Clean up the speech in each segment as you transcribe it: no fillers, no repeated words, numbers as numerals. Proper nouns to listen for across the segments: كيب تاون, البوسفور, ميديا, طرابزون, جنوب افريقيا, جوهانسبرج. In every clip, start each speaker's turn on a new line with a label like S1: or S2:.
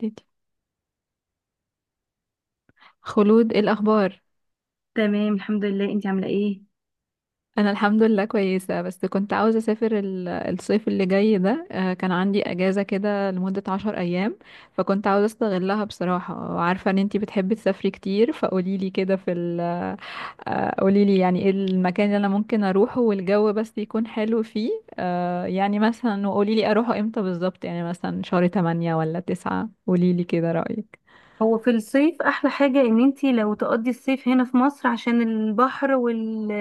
S1: ديتي. خلود، إيه الأخبار؟
S2: تمام الحمد لله، انت عامله ايه؟
S1: أنا الحمد لله كويسة، بس كنت عاوزة أسافر الصيف اللي جاي ده. كان عندي أجازة كده لمدة 10 أيام، فكنت عاوزة أستغلها بصراحة، وعارفة إن أنتي بتحبي تسافري كتير، فقوليلي كده قوليلي يعني إيه المكان اللي أنا ممكن أروحه والجو بس يكون حلو فيه. يعني مثلا وقوليلي أروحه إمتى بالظبط، يعني مثلا شهر تمانية ولا تسعة، قوليلي كده رأيك.
S2: هو في الصيف احلى حاجة ان انتي لو تقضي الصيف هنا في مصر عشان البحر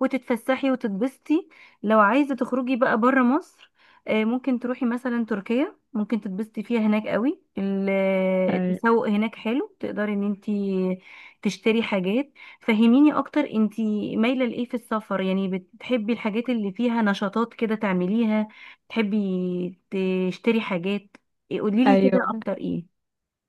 S2: وتتفسحي وتتبسطي. لو عايزة تخرجي بقى برا مصر، ممكن تروحي مثلا تركيا، ممكن تتبسطي فيها هناك قوي.
S1: أي-
S2: التسوق هناك حلو، تقدري ان انتي تشتري حاجات. فهميني اكتر، انتي مايلة لايه في السفر؟ يعني بتحبي الحاجات اللي فيها نشاطات كده تعمليها؟ تحبي تشتري حاجات؟ قوليلي كده
S1: أيوة.
S2: اكتر.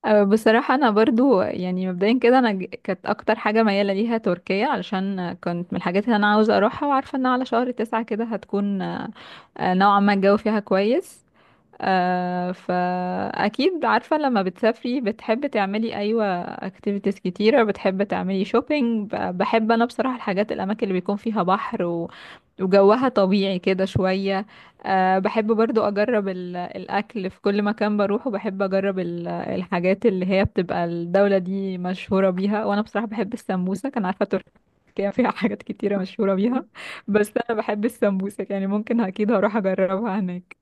S1: بصراحة أنا برضو يعني مبدئيا كده أنا كانت أكتر حاجة ميالة ليها تركيا، علشان كنت من الحاجات اللي أنا عاوزة أروحها، وعارفة إن على شهر تسعة كده هتكون أه، أه، نوعا ما الجو فيها كويس. فأكيد عارفة، لما بتسافري بتحب تعملي، أيوة، activities كتيرة، بتحب تعملي shopping. بحب أنا بصراحة الحاجات الأماكن اللي بيكون فيها بحر وجوها طبيعي كده شوية. أه، بحب برضو أجرب الأكل في كل مكان بروحه. بحب أجرب الحاجات اللي هي بتبقى الدولة دي مشهورة بيها، وأنا بصراحة بحب السمبوسة، كان عارفة تركيا فيها حاجات كتيرة مشهورة
S2: ايه،
S1: بيها، بس أنا بحب السمبوسة، يعني ممكن أكيد هروح أجربها هناك.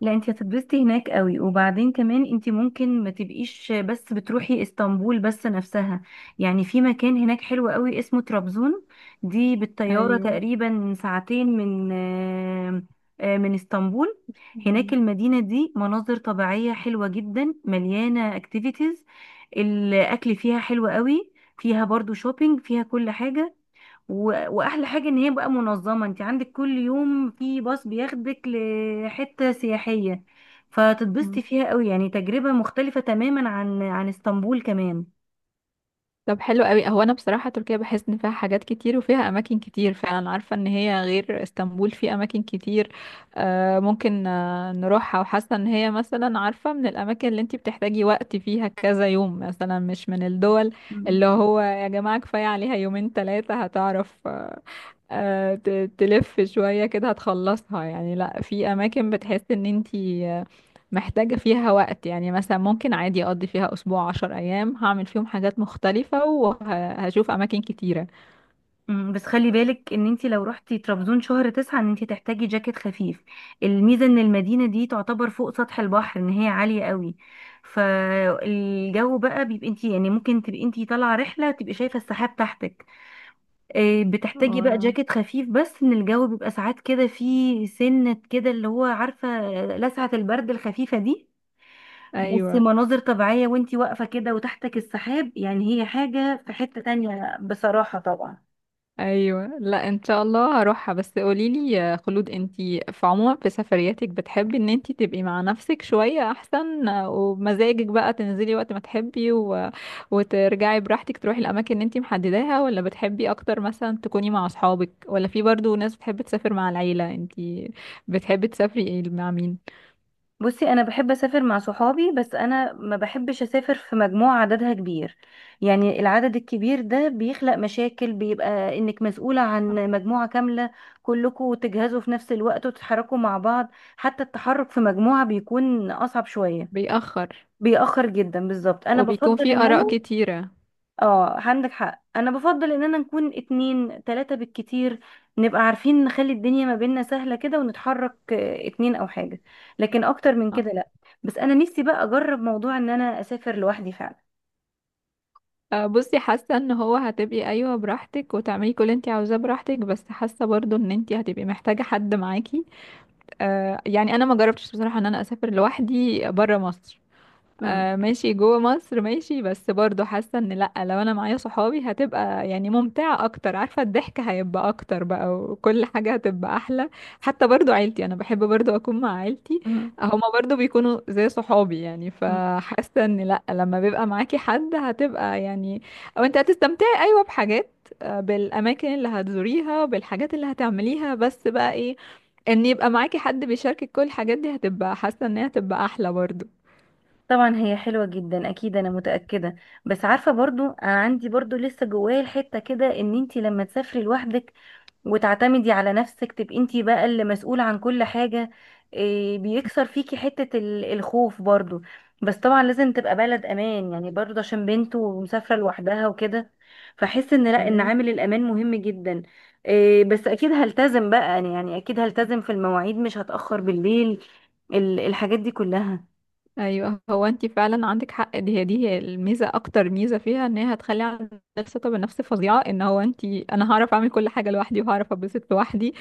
S2: لا انت هتتبسطي هناك قوي. وبعدين كمان انت ممكن ما تبقيش بس بتروحي اسطنبول بس نفسها، يعني في مكان هناك حلو قوي اسمه طرابزون. دي بالطيارة
S1: أيوة.
S2: تقريبا ساعتين من آه، آه، من اسطنبول. هناك
S1: مم.
S2: المدينة دي مناظر طبيعية حلوة جدا، مليانة اكتيفيتيز. الاكل فيها حلو قوي، فيها برضو شوبينج، فيها كل حاجة. واحلى حاجه ان هي بقى منظمه، انت عندك كل يوم في باص بياخدك لحته سياحيه.
S1: مم.
S2: فتتبسطي فيها قوي، يعني تجربه مختلفه تماما عن اسطنبول كمان.
S1: طب حلو قوي. هو انا بصراحه تركيا بحس ان فيها حاجات كتير وفيها اماكن كتير، فعلا عارفه ان هي غير اسطنبول في اماكن كتير. آه ممكن آه نروحها، وحاسه ان هي مثلا، عارفه، من الاماكن اللي انتي بتحتاجي وقت فيها كذا يوم، مثلا مش من الدول
S2: مم.
S1: اللي هو يا جماعه كفايه عليها يومين ثلاثه هتعرف تلف شويه كده هتخلصها، يعني لا، في اماكن بتحس ان انتي محتاجة فيها وقت، يعني مثلا ممكن عادي أقضي فيها أسبوع 10 أيام، هعمل فيهم حاجات مختلفة وهشوف أماكن كتيرة.
S2: بس خلي بالك ان انت لو رحتي طرابزون شهر 9 ان انت تحتاجي جاكيت خفيف. الميزة ان المدينة دي تعتبر فوق سطح البحر، ان هي عالية قوي. فالجو بقى بيبقى، انت يعني ممكن تبقي انت طالعة رحلة تبقي شايفة السحاب تحتك. بتحتاجي بقى
S1: واو.
S2: جاكيت خفيف، بس ان الجو بيبقى ساعات كده فيه سنة كده اللي هو عارفة، لسعة البرد الخفيفة دي. بس
S1: أيوة.
S2: مناظر طبيعية وانتي واقفة كده وتحتك السحاب، يعني هي حاجة في حتة تانية بصراحة طبعا.
S1: أيوة، لا إن شاء الله هروحها. بس قوليلي يا خلود، أنتي في عموما في سفرياتك بتحبي إن أنتي تبقي مع نفسك شوية أحسن، ومزاجك بقى تنزلي وقت ما تحبي وترجعي براحتك، تروحي الأماكن اللي أنتي محدداها، ولا بتحبي أكتر مثلا تكوني مع أصحابك، ولا في برضو ناس بتحب تسافر مع العيلة؟ أنتي بتحبي تسافري مع مين؟
S2: بصي، انا بحب اسافر مع صحابي، بس انا ما بحبش اسافر في مجموعة عددها كبير. يعني العدد الكبير ده بيخلق مشاكل، بيبقى انك مسؤولة عن مجموعة كاملة، كلكم تجهزوا في نفس الوقت وتتحركوا مع بعض. حتى التحرك في مجموعة بيكون اصعب شوية.
S1: بيأخر.
S2: بيأخر جدا بالظبط، انا بفضل
S1: وبيكون في
S2: ان
S1: آراء
S2: انا،
S1: كتيرة.
S2: اه عندك حق، انا بفضل اننا نكون 2 3 بالكتير. نبقى عارفين نخلي الدنيا ما بيننا سهلة كده، ونتحرك، 2 او حاجة، لكن اكتر من
S1: آه.
S2: كده لا. بس انا نفسي بقى اجرب موضوع ان انا اسافر لوحدي فعلا.
S1: بصي، حاسة ان هو هتبقي، ايوه، براحتك وتعملي كل اللي انت عاوزاه براحتك، بس حاسة برضو ان انت هتبقي محتاجة حد معاكي. يعني انا ما جربتش بصراحة ان انا اسافر لوحدي برا مصر،
S2: مم.
S1: آه ماشي جوه مصر ماشي، بس برضو حاسة ان لأ، لو انا معايا صحابي هتبقى يعني ممتعة اكتر، عارفة الضحك هيبقى اكتر بقى، وكل حاجة هتبقى احلى. حتى برضو عيلتي، انا بحب برضو اكون مع عيلتي،
S2: مم.
S1: هما برضو بيكونوا زي صحابي، يعني
S2: مم.
S1: فحاسة ان لأ، لما بيبقى معاكي حد هتبقى يعني، او انت هتستمتعي، ايوه، بحاجات، بالاماكن اللي هتزوريها، بالحاجات اللي هتعمليها، بس بقى ايه، ان يبقى معاكي حد بيشاركك كل الحاجات دي، هتبقى حاسة ان هي هتبقى احلى برضو.
S2: طبعا هي حلوة جدا اكيد، انا متأكدة. بس عارفة، برضو انا عندي برضو لسه جوايا الحتة كده، ان انتي لما تسافري لوحدك وتعتمدي على نفسك، تبقي انتي بقى اللي مسؤولة عن كل حاجة. إيه، بيكسر فيكي حتة الخوف برضو. بس طبعا لازم تبقى بلد امان يعني، برضو عشان بنت ومسافرة لوحدها وكده، فحس ان لا، ان
S1: ايوه.
S2: عامل الامان مهم جدا. إيه، بس اكيد هلتزم بقى أنا، يعني اكيد هلتزم في المواعيد، مش هتأخر بالليل، الحاجات دي كلها.
S1: ايوه، هو انت فعلا عندك حق، دي هي الميزه، اكتر ميزه فيها ان هي هتخلي عندك ثقه بالنفس فظيعه، ان هو انت، انا هعرف اعمل كل حاجه لوحدي، وهعرف اتبسط لوحدي،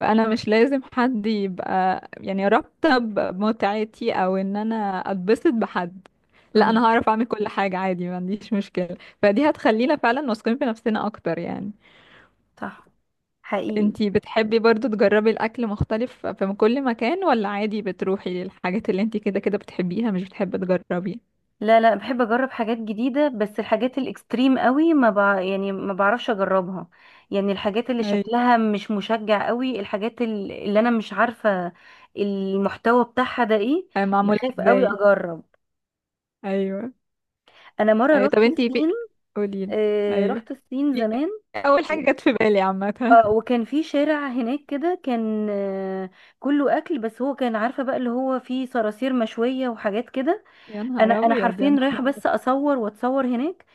S1: فانا مش لازم حد يبقى يعني رابطه بمتعتي، او ان انا اتبسط بحد. لا، انا
S2: مهم.
S1: هعرف اعمل كل حاجه عادي، ما عنديش مشكله، فدي هتخلينا فعلا واثقين في نفسنا اكتر يعني.
S2: صح. حقيقي.
S1: انت بتحبي برضو تجربي الاكل مختلف في كل مكان، ولا عادي بتروحي للحاجات اللي انت كده كده بتحبيها، مش بتحبي تجربي؟
S2: لا لا، بحب اجرب حاجات جديده، بس الحاجات الاكستريم قوي ما بع... يعني ما بعرفش اجربها. يعني الحاجات اللي
S1: ايوه.
S2: شكلها مش مشجع قوي، الحاجات اللي انا مش عارفه المحتوى بتاعها ده ايه،
S1: آه، معمولة
S2: بخاف قوي
S1: ازاي؟
S2: اجرب.
S1: ايوه.
S2: انا مره
S1: ايوه، طب
S2: رحت
S1: انتي في،
S2: الصين،
S1: قوليلي. ايوه،
S2: رحت الصين
S1: في-
S2: زمان.
S1: اول
S2: و-
S1: حاجة جت في بالي عامة.
S2: اه وكان في شارع هناك كده كان، كله اكل، بس هو كان عارفه بقى اللي هو فيه صراصير مشويه وحاجات كده.
S1: يا
S2: انا
S1: نهار
S2: انا
S1: ابيض، يا
S2: حرفيا
S1: نهار
S2: رايحه
S1: أبيض.
S2: بس اصور واتصور هناك.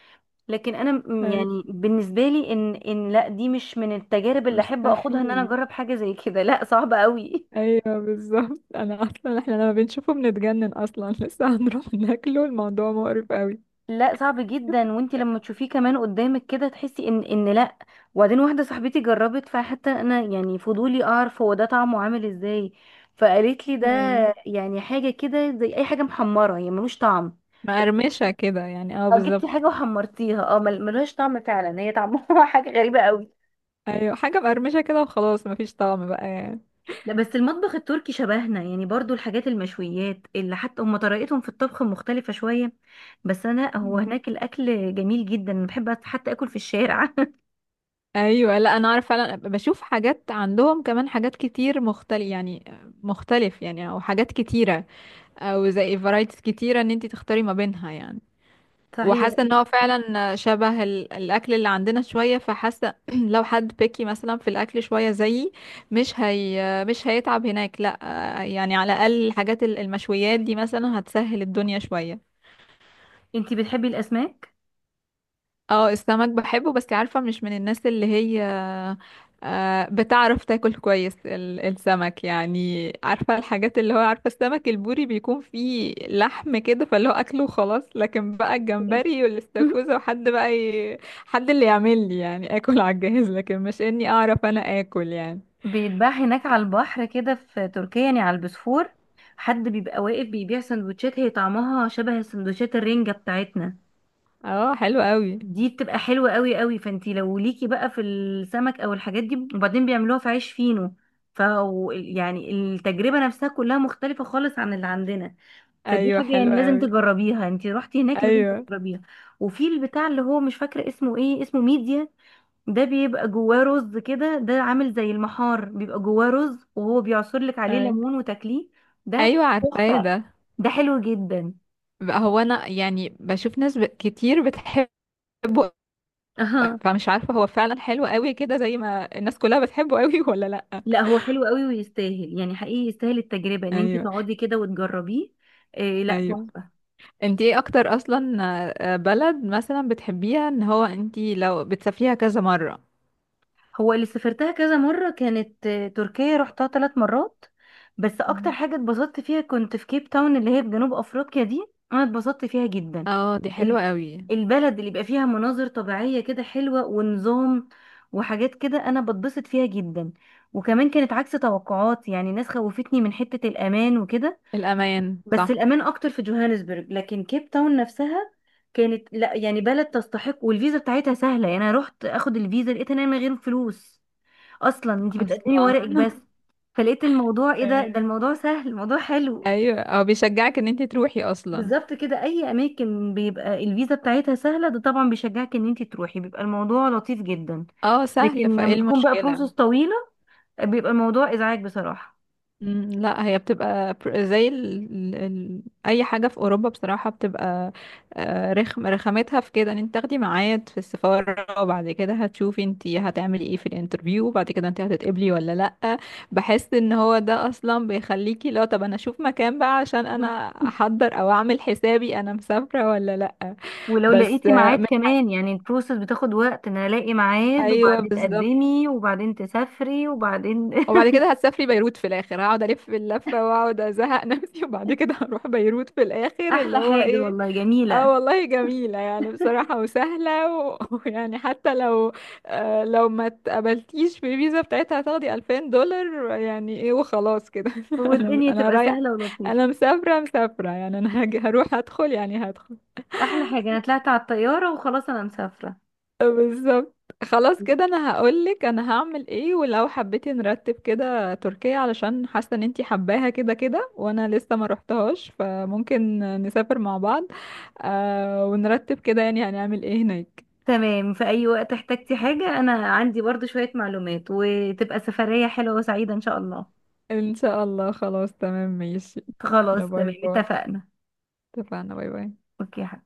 S2: لكن انا
S1: ايوه.
S2: يعني بالنسبه لي ان ان لا، دي مش من التجارب اللي احب اخدها ان انا
S1: مستحيل.
S2: اجرب حاجه زي كده، لا صعب قوي.
S1: ايوه بالظبط، انا اصلا احنا لما بنشوفه بنتجنن اصلا، لسه هنروح ناكله، الموضوع مقرف قوي.
S2: لا صعب جدا، وانت لما تشوفيه كمان قدامك كده تحسي ان لا. وبعدين واحده صاحبتي جربت، فحتى انا يعني فضولي اعرف هو ده طعمه عامل ازاي، فقالت لي ده
S1: ايوه،
S2: يعني حاجه كده زي اي حاجه محمره، يعني ملوش طعم.
S1: مقرمشة كده يعني، اه
S2: اه، جبتي حاجه
S1: بالظبط.
S2: وحمرتيها، اه ملهاش طعم، فعلا هي طعمها حاجه غريبه قوي.
S1: ايوه، حاجة مقرمشة كده وخلاص، مفيش طعم بقى
S2: لا بس المطبخ التركي شبهنا يعني، برضو الحاجات المشويات، اللي حتى هم طريقتهم في الطبخ مختلفة شوية. بس انا هو
S1: يعني.
S2: هناك الاكل جميل جدا، أنا بحب حتى اكل في الشارع.
S1: ايوه، لا انا عارف، فعلا بشوف حاجات عندهم كمان حاجات كتير مختلف يعني، مختلف يعني، او حاجات كتيره، او زي فرايتيز كتيره ان انت تختاري ما بينها يعني.
S2: صحيح.
S1: وحاسه ان هو فعلا شبه الاكل اللي عندنا شويه، فحاسه لو حد بيكي مثلا في الاكل شويه زيي، مش هي مش هيتعب هناك، لا يعني، على الاقل الحاجات المشويات دي مثلا هتسهل الدنيا شويه.
S2: انتي بتحبي الاسماك؟
S1: اه، السمك بحبه، بس عارفة مش من الناس اللي هي بتعرف تاكل كويس السمك، يعني عارفة الحاجات اللي هو، عارفة السمك البوري بيكون فيه لحم كده فاللي هو أكله وخلاص، لكن بقى
S2: إيه.
S1: الجمبري والاستاكوزا، وحد بقى حد اللي يعمل لي يعني آكل على الجهاز، لكن مش إني أعرف أنا آكل يعني.
S2: بيتباع هناك على البحر كده في تركيا يعني على البوسفور، حد بيبقى واقف بيبيع سندوتشات، هي طعمها شبه سندوتشات الرنجة بتاعتنا.
S1: اه حلو قوي.
S2: دي بتبقى حلوة قوي قوي، فانتي لو ليكي بقى في السمك او الحاجات دي، وبعدين بيعملوها في عيش فينو. ف يعني التجربة نفسها كلها مختلفة خالص عن اللي عندنا، فدي
S1: أيوه
S2: حاجة
S1: حلو
S2: يعني لازم
S1: قوي.
S2: تجربيها، انتي رحتي هناك لازم
S1: أيوه.
S2: تجربيها. وفي البتاع اللي هو مش فاكرة اسمه ايه، اسمه ميديا، ده بيبقى جواه رز كده، ده عامل زي المحار، بيبقى جواه رز وهو بيعصر لك عليه
S1: أيوه.
S2: ليمون وتاكليه. ده
S1: أيوه، عارفاه
S2: تحفة،
S1: ده.
S2: ده حلو جدا.
S1: بقى هو أنا يعني بشوف ناس كتير بتحب، فمش عارفة هو فعلا حلو قوي كده زي ما الناس كلها بتحبه قوي ولا لأ؟
S2: لا هو حلو قوي ويستاهل، يعني حقيقي يستاهل التجربة ان انت
S1: ايوه.
S2: تقعدي كده وتجربيه. إيه، لا
S1: ايوه،
S2: تحفة.
S1: انتي ايه اكتر اصلا، آه، بلد مثلا بتحبيها ان هو انتي لو بتسافريها كذا مرة؟
S2: هو اللي سافرتها كذا مرة كانت، تركيا رحتها 3 مرات. بس اكتر
S1: مم.
S2: حاجة اتبسطت فيها كنت في كيب تاون اللي هي في جنوب افريقيا دي، انا اتبسطت فيها جدا.
S1: اه دي حلوة
S2: ال-
S1: قوي.
S2: البلد اللي بيبقى فيها مناظر طبيعية كده حلوة ونظام وحاجات كده، انا بتبسط فيها جدا. وكمان كانت عكس توقعاتي، يعني ناس خوفتني من حتة الامان وكده،
S1: الأمان
S2: بس
S1: صح.
S2: الامان اكتر في جوهانسبرج، لكن كيب تاون نفسها كانت، لا يعني بلد تستحق. والفيزا بتاعتها سهله، يعني انا رحت اخد الفيزا لقيت ان انا من غير فلوس اصلا، انت بتقدمي
S1: اصلا.
S2: ورقك بس. فلقيت الموضوع ايه، ده
S1: أيوة.
S2: الموضوع سهل، الموضوع حلو.
S1: ايوه، او بيشجعك ان انتي تروحي اصلا.
S2: بالظبط كده، اي اماكن بيبقى الفيزا بتاعتها سهله ده طبعا بيشجعك ان انت تروحي، بيبقى الموضوع لطيف جدا.
S1: اه
S2: لكن
S1: سهل، فايه
S2: لما تكون بقى
S1: المشكلة؟
S2: بروسس طويله، بيبقى الموضوع ازعاج بصراحه.
S1: مم، لا هي بتبقى زي اي حاجه في اوروبا بصراحه بتبقى، آه، رخم، رخامتها في كده ان انت تاخدي ميعاد في السفاره، وبعد كده هتشوفي انت هتعملي ايه في الانترفيو، وبعد كده انت هتتقبلي ولا لا. بحس ان هو ده اصلا بيخليكي لو، طب انا اشوف مكان بقى، عشان انا احضر او اعمل حسابي انا مسافره ولا لا.
S2: ولو
S1: بس
S2: لقيتي
S1: آه،
S2: ميعاد
S1: من
S2: كمان، يعني البروسس بتاخد وقت ان الاقي ميعاد،
S1: ايوه
S2: وبعدين
S1: بالظبط.
S2: تقدمي، وبعدين تسافري، وبعدين...
S1: وبعد كده هتسافري بيروت في الاخر، هقعد الف اللفه واقعد ازهق نفسي، وبعد كده هروح بيروت في الاخر، اللي
S2: احلى
S1: هو
S2: حاجة
S1: ايه.
S2: والله، جميلة.
S1: اه والله جميلة يعني بصراحة وسهلة ويعني حتى لو آه لو ما اتقبلتيش في الفيزا بتاعتها هتاخدي $2000، يعني ايه وخلاص كده، انا
S2: والدنيا
S1: انا
S2: تبقى
S1: رايح،
S2: سهلة ولطيفة.
S1: انا مسافرة مسافرة، يعني انا هروح هدخل يعني هدخل.
S2: احلى حاجة، انا طلعت على الطيارة وخلاص انا مسافرة.
S1: بالظبط. خلاص كده انا هقولك انا هعمل ايه، ولو حبيتي نرتب كده تركيا، علشان حاسه ان انتي حباها كده كده، وانا لسه ما رحتهاش، فممكن نسافر مع بعض. آه ونرتب كده يعني هنعمل ايه هناك.
S2: تمام، في اي وقت احتجتي حاجة انا عندي برضو شوية معلومات، وتبقى سفرية حلوة وسعيدة ان شاء الله.
S1: ان شاء الله، خلاص تمام ماشي. لا
S2: خلاص
S1: باي
S2: تمام
S1: باي.
S2: اتفقنا.
S1: اتفقنا باي باي.
S2: اوكي يا